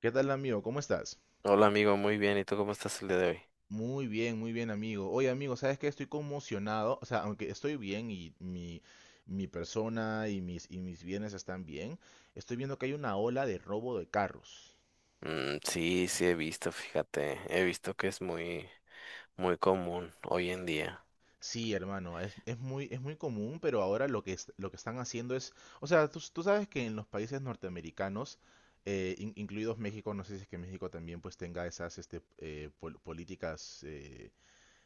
¿Qué tal, amigo? ¿Cómo estás? Hola amigo, muy bien. ¿Y tú cómo estás el día de hoy? Muy bien, amigo. Oye, amigo, ¿sabes qué? Estoy conmocionado. O sea, aunque estoy bien y mi persona y y mis bienes están bien, estoy viendo que hay una ola de robo de carros. Mm, sí, sí he visto, fíjate, he visto que es muy común hoy en día. Sí, hermano, es muy común, pero ahora lo que están haciendo es. O sea, tú sabes que en los países norteamericanos, incluidos México, no sé si es que México también pues tenga esas políticas,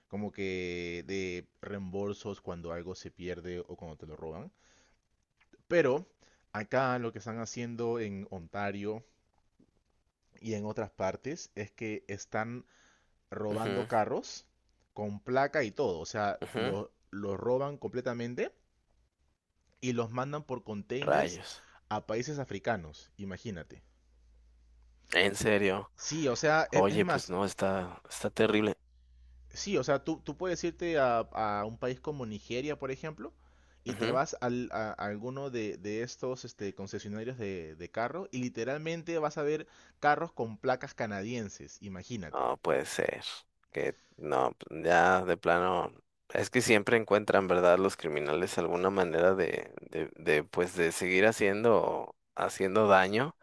como que de reembolsos cuando algo se pierde o cuando te lo roban. Pero acá lo que están haciendo en Ontario y en otras partes es que están robando Ujú, carros con placa y todo. O sea, ujú. los lo roban completamente y los mandan por containers Rayos. a países africanos, imagínate. ¿En serio? Sí, o sea, es Oye, pues más. no, está terrible. Sí, o sea, tú puedes irte a un país como Nigeria, por ejemplo, y te Ujú. vas a alguno de estos concesionarios de carros y literalmente vas a ver carros con placas canadienses, imagínate. No puede ser. Que no, pues, ya de plano. Es que siempre encuentran, ¿verdad? Los criminales alguna manera de, pues, de seguir haciendo daño.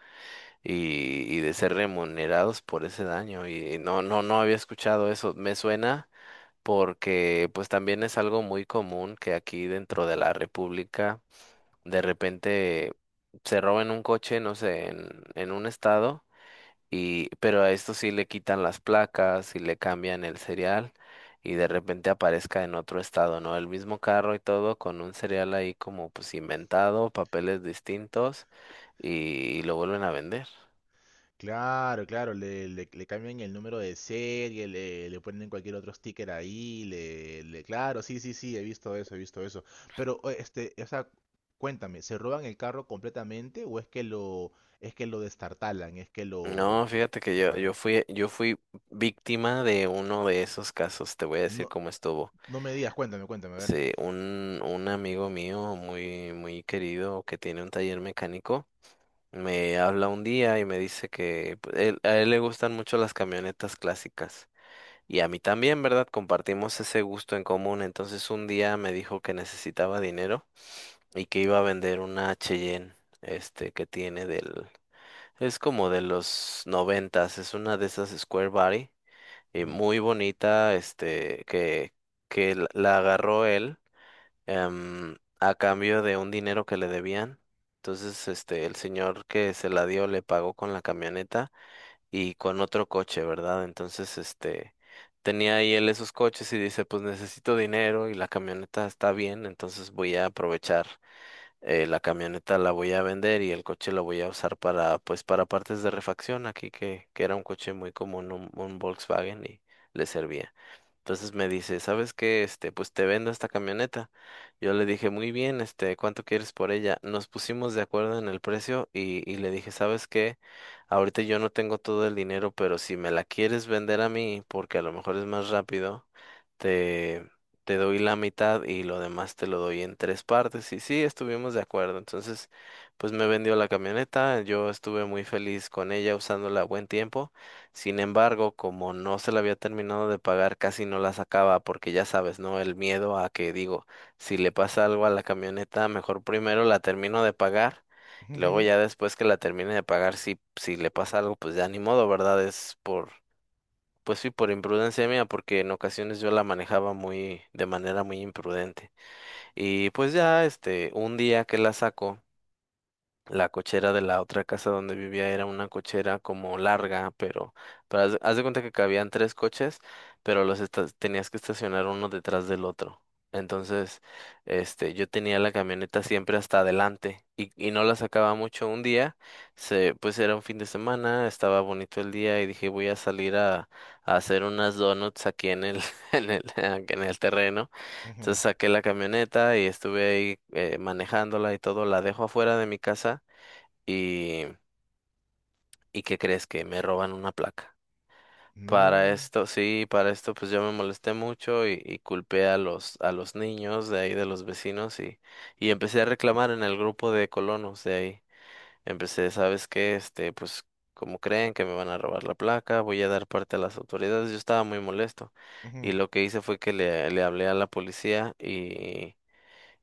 Y, y de ser remunerados por ese daño. Y no había escuchado eso. Me suena porque pues también es algo muy común que aquí dentro de la República de repente se roben un coche, no sé, en un estado, y, pero a esto sí le quitan las placas y le cambian el serial. Y de repente aparezca en otro estado, ¿no? El mismo carro y todo, con un serial ahí como pues inventado, papeles distintos, y lo vuelven a vender. Claro, claro, le cambian el número de serie, le ponen cualquier otro sticker ahí, claro, sí, sí, sí, he visto eso, he visto eso. Pero, o sea, cuéntame, ¿se roban el carro completamente o es que lo destartalan, es que lo... No, fíjate que lo yo, yo paran? fui, yo fui víctima de uno de esos casos, te voy a decir No, cómo estuvo. no me digas, cuéntame, cuéntame, a ver. Sí, un amigo mío muy querido que tiene un taller mecánico me habla un día y me dice que pues, a él le gustan mucho las camionetas clásicas y a mí también, ¿verdad? Compartimos ese gusto en común. Entonces un día me dijo que necesitaba dinero y que iba a vender una Cheyenne, este, que tiene del es como de los noventas, es una de esas Square Body, y Ujú, muy bonita, este, que la agarró él, a cambio de un dinero que le debían. Entonces, este, el señor que se la dio le pagó con la camioneta y con otro coche, ¿verdad? Entonces, este, tenía ahí él esos coches y dice, pues necesito dinero y la camioneta está bien, entonces voy a aprovechar, la camioneta la voy a vender y el coche lo voy a usar para, pues, para partes de refacción aquí, que era un coche muy común, un Volkswagen y le servía. Entonces me dice, ¿sabes qué? Este, pues te vendo esta camioneta. Yo le dije, muy bien, este, ¿cuánto quieres por ella? Nos pusimos de acuerdo en el precio y le dije, ¿sabes qué? Ahorita yo no tengo todo el dinero, pero si me la quieres vender a mí, porque a lo mejor es más rápido, te doy la mitad y lo demás te lo doy en tres partes. Y sí, estuvimos de acuerdo. Entonces, pues me vendió la camioneta, yo estuve muy feliz con ella usándola a buen tiempo. Sin embargo, como no se la había terminado de pagar, casi no la sacaba porque ya sabes, ¿no? El miedo a que, digo, si le pasa algo a la camioneta, mejor primero la termino de pagar. Luego ujú, ya después que la termine de pagar, si le pasa algo, pues ya ni modo, ¿verdad? Es por Pues sí, por imprudencia mía, porque en ocasiones yo la manejaba muy, de manera muy imprudente. Y pues ya, este, un día que la saco. La cochera de la otra casa donde vivía era una cochera como larga, pero, de haz de cuenta que cabían tres coches, pero tenías que estacionar uno detrás del otro. Entonces, este, yo tenía la camioneta siempre hasta adelante y no la sacaba mucho un día, pues era un fin de semana, estaba bonito el día y dije voy a salir a hacer unas donuts aquí en el, en el terreno. Entonces ujú. saqué la camioneta y estuve ahí, manejándola y todo, la dejo afuera de mi casa y, ¿y qué crees que me roban una placa? Para No, esto, sí, para esto pues yo me molesté mucho y culpé a los niños de ahí, de los vecinos, y empecé a reclamar en el grupo de colonos de ahí. Empecé, ¿sabes qué? Este, pues, como creen que me van a robar la placa? Voy a dar parte a las autoridades. Yo estaba muy molesto y ujú. lo que hice fue que le hablé a la policía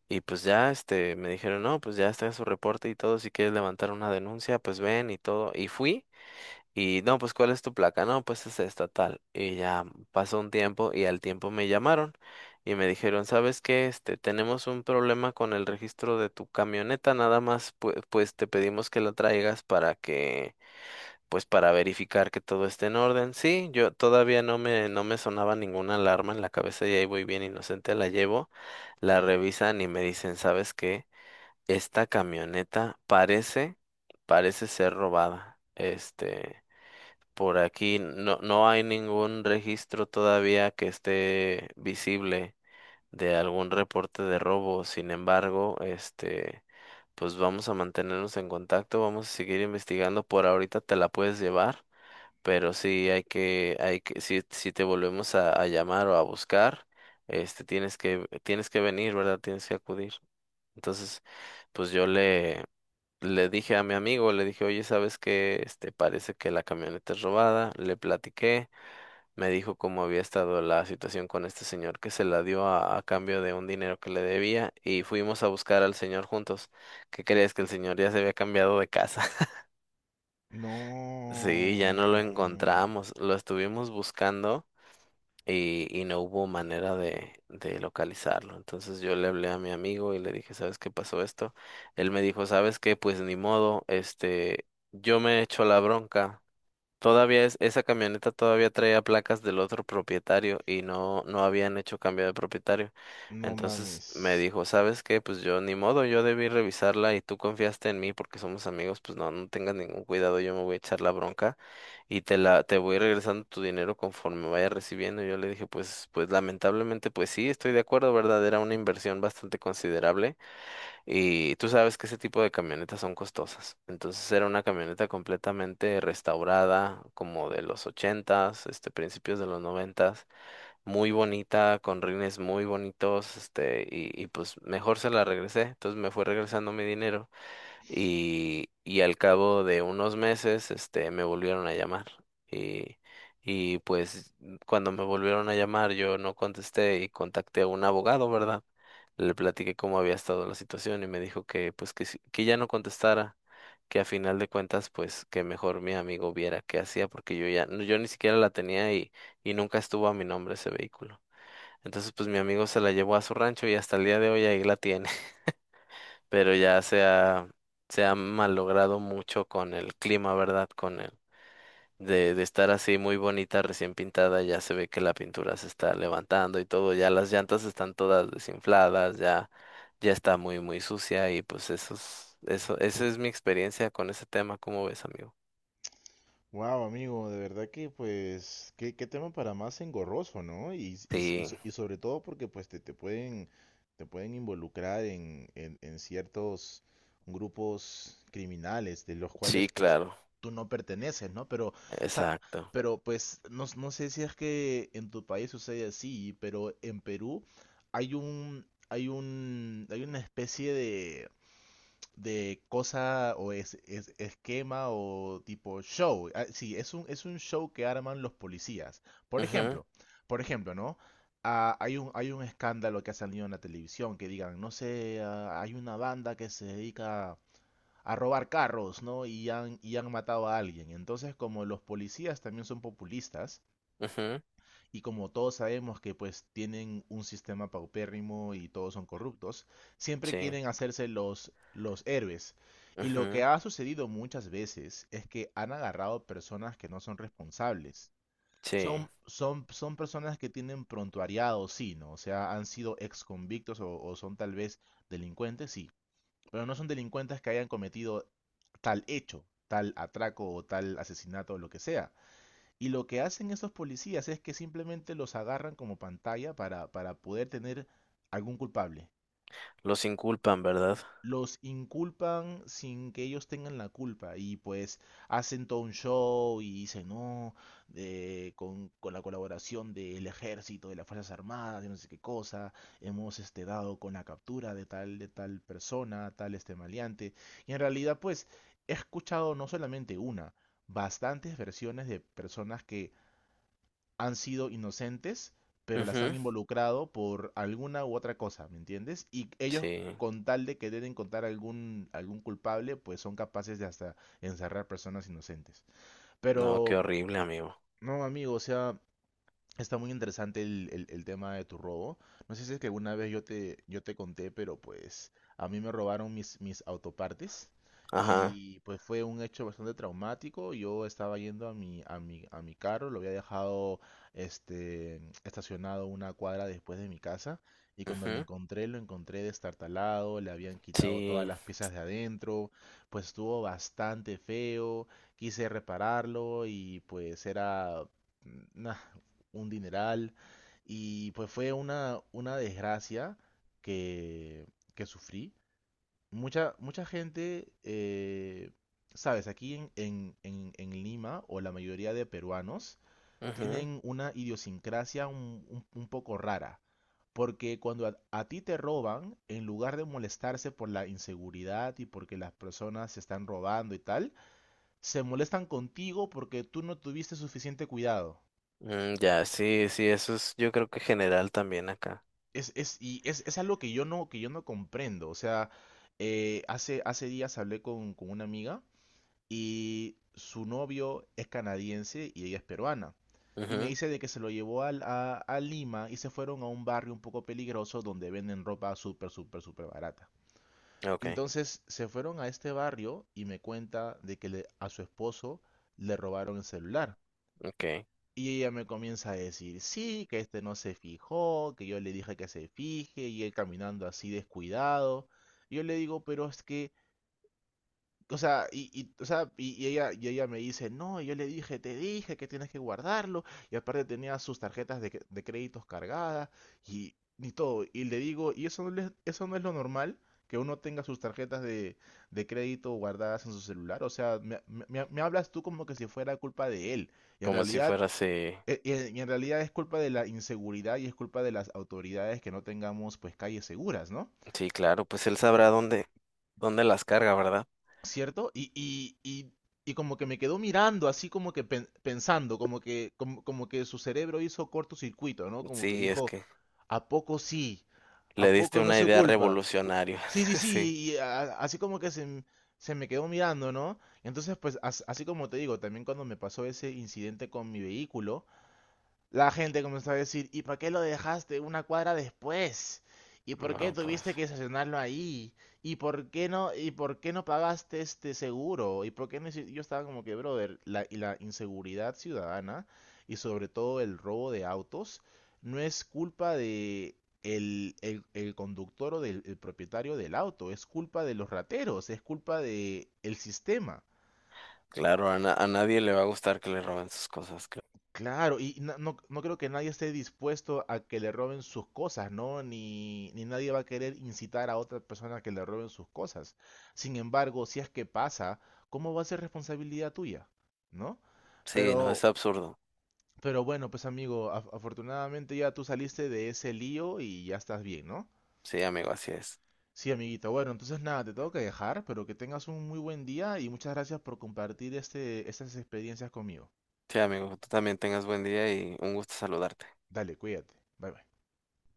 y pues ya, este, me dijeron, no, pues ya está su reporte y todo, si quieres levantar una denuncia, pues ven y todo. Y fui. Y no, pues ¿cuál es tu placa? No, pues es esta tal. Y ya pasó un tiempo y al tiempo me llamaron y me dijeron, ¿sabes qué? Este, tenemos un problema con el registro de tu camioneta, nada más pues, te pedimos que la traigas para que, pues, para verificar que todo esté en orden. Sí, yo todavía no me sonaba ninguna alarma en la cabeza y ahí voy bien inocente, la llevo, la revisan y me dicen, ¿sabes qué? Esta camioneta parece ser robada. Este, por aquí no, no hay ningún registro todavía que esté visible de algún reporte de robo. Sin embargo, este, pues vamos a mantenernos en contacto, vamos a seguir investigando. Por ahorita te la puedes llevar, pero sí si, si te volvemos a llamar o a buscar, este, tienes que venir, ¿verdad? Tienes que acudir. Entonces, pues le dije a mi amigo, le dije, oye, ¿sabes qué? Este, parece que la camioneta es robada. Le platiqué, me dijo cómo había estado la situación con este señor que se la dio a cambio de un dinero que le debía y fuimos a buscar al señor juntos. ¿Qué crees? Que el señor ya se había cambiado de casa. Sí, ya no lo No, encontramos, lo estuvimos buscando y no hubo manera de localizarlo. Entonces yo le hablé a mi amigo y le dije, ¿sabes qué? Pasó esto. Él me dijo, ¿sabes qué? Pues ni modo, este, yo me echo la bronca. Esa camioneta todavía traía placas del otro propietario y no, no habían hecho cambio de propietario. no Entonces mames. me dijo, ¿sabes qué? Pues yo ni modo, yo debí revisarla y tú confiaste en mí porque somos amigos, pues no, no tengas ningún cuidado, yo me voy a echar la bronca y te voy regresando tu dinero conforme vaya recibiendo. Yo le dije, pues lamentablemente, pues sí, estoy de acuerdo, ¿verdad? Era una inversión bastante considerable y tú sabes que ese tipo de camionetas son costosas. Entonces era una camioneta completamente restaurada, como de los ochentas, este, principios de los noventas, muy bonita, con rines muy bonitos, este, y pues mejor se la regresé. Entonces me fue regresando mi dinero y al cabo de unos meses, este, me volvieron a llamar y, y pues cuando me volvieron a llamar yo no contesté y contacté a un abogado, ¿verdad? Le platiqué cómo había estado la situación y me dijo que pues que, que ya no contestara, que a final de cuentas pues que mejor mi amigo viera qué hacía porque yo ni siquiera la tenía y nunca estuvo a mi nombre ese vehículo. Entonces pues mi amigo se la llevó a su rancho y hasta el día de hoy ahí la tiene, pero se ha malogrado mucho con el clima, ¿verdad? Con el de estar así muy bonita, recién pintada, ya se ve que la pintura se está levantando y todo, ya las llantas están todas desinfladas, ya, ya está muy sucia y pues esa es mi experiencia con ese tema, ¿cómo ves, amigo? Wow, amigo, de verdad que pues qué tema para más engorroso, ¿no? Y, s- y, s- y Sí, so- y sobre todo porque pues te pueden involucrar en ciertos grupos criminales de los sí, cuales pues claro, tú no perteneces, ¿no? Pero, o sea, exacto. pero pues no, no sé si es que en tu país sucede así, pero en Perú hay una especie de cosa o esquema o tipo show. Ah, sí, es un show que arman los policías. Por Ujú, ejemplo, por ejemplo, ¿no? Ah, hay un escándalo que ha salido en la televisión que digan, no sé, hay una banda que se dedica a robar carros, ¿no? Y han matado a alguien. Entonces, como los policías también son populistas, ujú, y como todos sabemos que pues tienen un sistema paupérrimo y todos son corruptos, siempre sí, quieren hacerse los héroes. Y lo que ujú, ha sucedido muchas veces es que han agarrado personas que no son responsables. sí. Son personas que tienen prontuariado, sí, ¿no? O sea, han sido ex convictos o son tal vez delincuentes, sí. Pero no son delincuentes que hayan cometido tal hecho, tal atraco o tal asesinato o lo que sea. Y lo que hacen estos policías es que simplemente los agarran como pantalla para poder tener algún culpable. Los inculpan, ¿verdad? Los inculpan sin que ellos tengan la culpa y pues hacen todo un show y dicen, no, con la colaboración del ejército, de las Fuerzas Armadas, de no sé qué cosa, hemos dado con la captura de tal persona, tal maleante. Y en realidad pues he escuchado no solamente una, bastantes versiones de personas que han sido inocentes, pero las han Ujú, involucrado por alguna u otra cosa, ¿me entiendes? Y ellos, sí. con tal de que querer encontrar algún culpable, pues son capaces de hasta encerrar personas inocentes. No, qué Pero, horrible, amigo. no, amigo, o sea, está muy interesante el tema de tu robo. No sé si es que alguna vez yo te conté, pero pues a mí me robaron mis autopartes Ajá. y pues fue un hecho bastante traumático. Yo estaba yendo a mi carro, lo había dejado este, estacionado una cuadra después de mi casa y cuando Ujú, lo encontré destartalado, le habían quitado todas sí, las piezas de adentro, pues estuvo bastante feo, quise repararlo y pues era nah, un dineral. Y pues fue una desgracia que, que sufrí. Mucha gente, sabes, aquí en Lima, o la mayoría de peruanos, ujú, tienen una idiosincrasia un poco rara. Porque cuando a ti te roban, en lugar de molestarse por la inseguridad y porque las personas se están robando y tal, se molestan contigo porque tú no tuviste suficiente cuidado. mm, ya, sí, sí, eso es, yo creo que general también acá. Es algo que yo no comprendo. O sea, hace días hablé con una amiga y su novio es canadiense y ella es peruana. Y me Ujú, dice de que se lo llevó a Lima y se fueron a un barrio un poco peligroso donde venden ropa súper, súper, súper barata. ok, Entonces se fueron a este barrio y me cuenta de que a su esposo le robaron el celular. ok, Y ella me comienza a decir, sí, que este no se fijó, que yo le dije que se fije, y él caminando así descuidado. Y yo le digo, pero es que, o sea, o sea, y ella me dice, no, yo le dije, te dije que tienes que guardarlo, y aparte tenía sus tarjetas de créditos cargadas, y, todo. Y le digo, ¿y eso no es lo normal? Que uno tenga sus tarjetas de crédito guardadas en su celular. O sea, me hablas tú como que si fuera culpa de él. Y en como si realidad fuera así. y en realidad es culpa de la inseguridad y es culpa de las autoridades que no tengamos pues calles seguras, ¿no? Sí, claro, pues él sabrá dónde, dónde las carga, ¿verdad? ¿Cierto? Y como que me quedó mirando, así como que pensando, como que su cerebro hizo cortocircuito, ¿no? Como que Sí, es dijo, que ¿a poco sí? le ¿A diste poco no es una su idea culpa? revolucionaria, Sí, sí, sí. sí, y así como que se me quedó mirando, ¿no? Entonces, pues así como te digo, también cuando me pasó ese incidente con mi vehículo, la gente comenzó a decir, ¿y para qué lo dejaste una cuadra después? ¿Y por qué No, pues tuviste que estacionarlo ahí? ¿Y por qué no pagaste este seguro? ¿Y por qué no hici-? Yo estaba como que, brother, y la inseguridad ciudadana y sobre todo el robo de autos no es culpa de el conductor o del el propietario del auto, es culpa de los rateros, es culpa de el sistema. claro, a, a nadie le va a gustar que le roben sus cosas. Cl- Claro, y no, no creo que nadie esté dispuesto a que le roben sus cosas, ¿no? Ni nadie va a querer incitar a otra persona a que le roben sus cosas. Sin embargo, si es que pasa, ¿cómo va a ser responsabilidad tuya? ¿No? Sí, no, Pero, es absurdo. pero bueno, pues amigo, afortunadamente ya tú saliste de ese lío y ya estás bien, ¿no? Sí, amigo, así es. Sí, amiguito. Bueno, entonces nada, te tengo que dejar, pero que tengas un muy buen día y muchas gracias por compartir estas experiencias conmigo. Sí, amigo, tú también tengas buen día y un gusto saludarte. Dale, cuídate. Bye bye.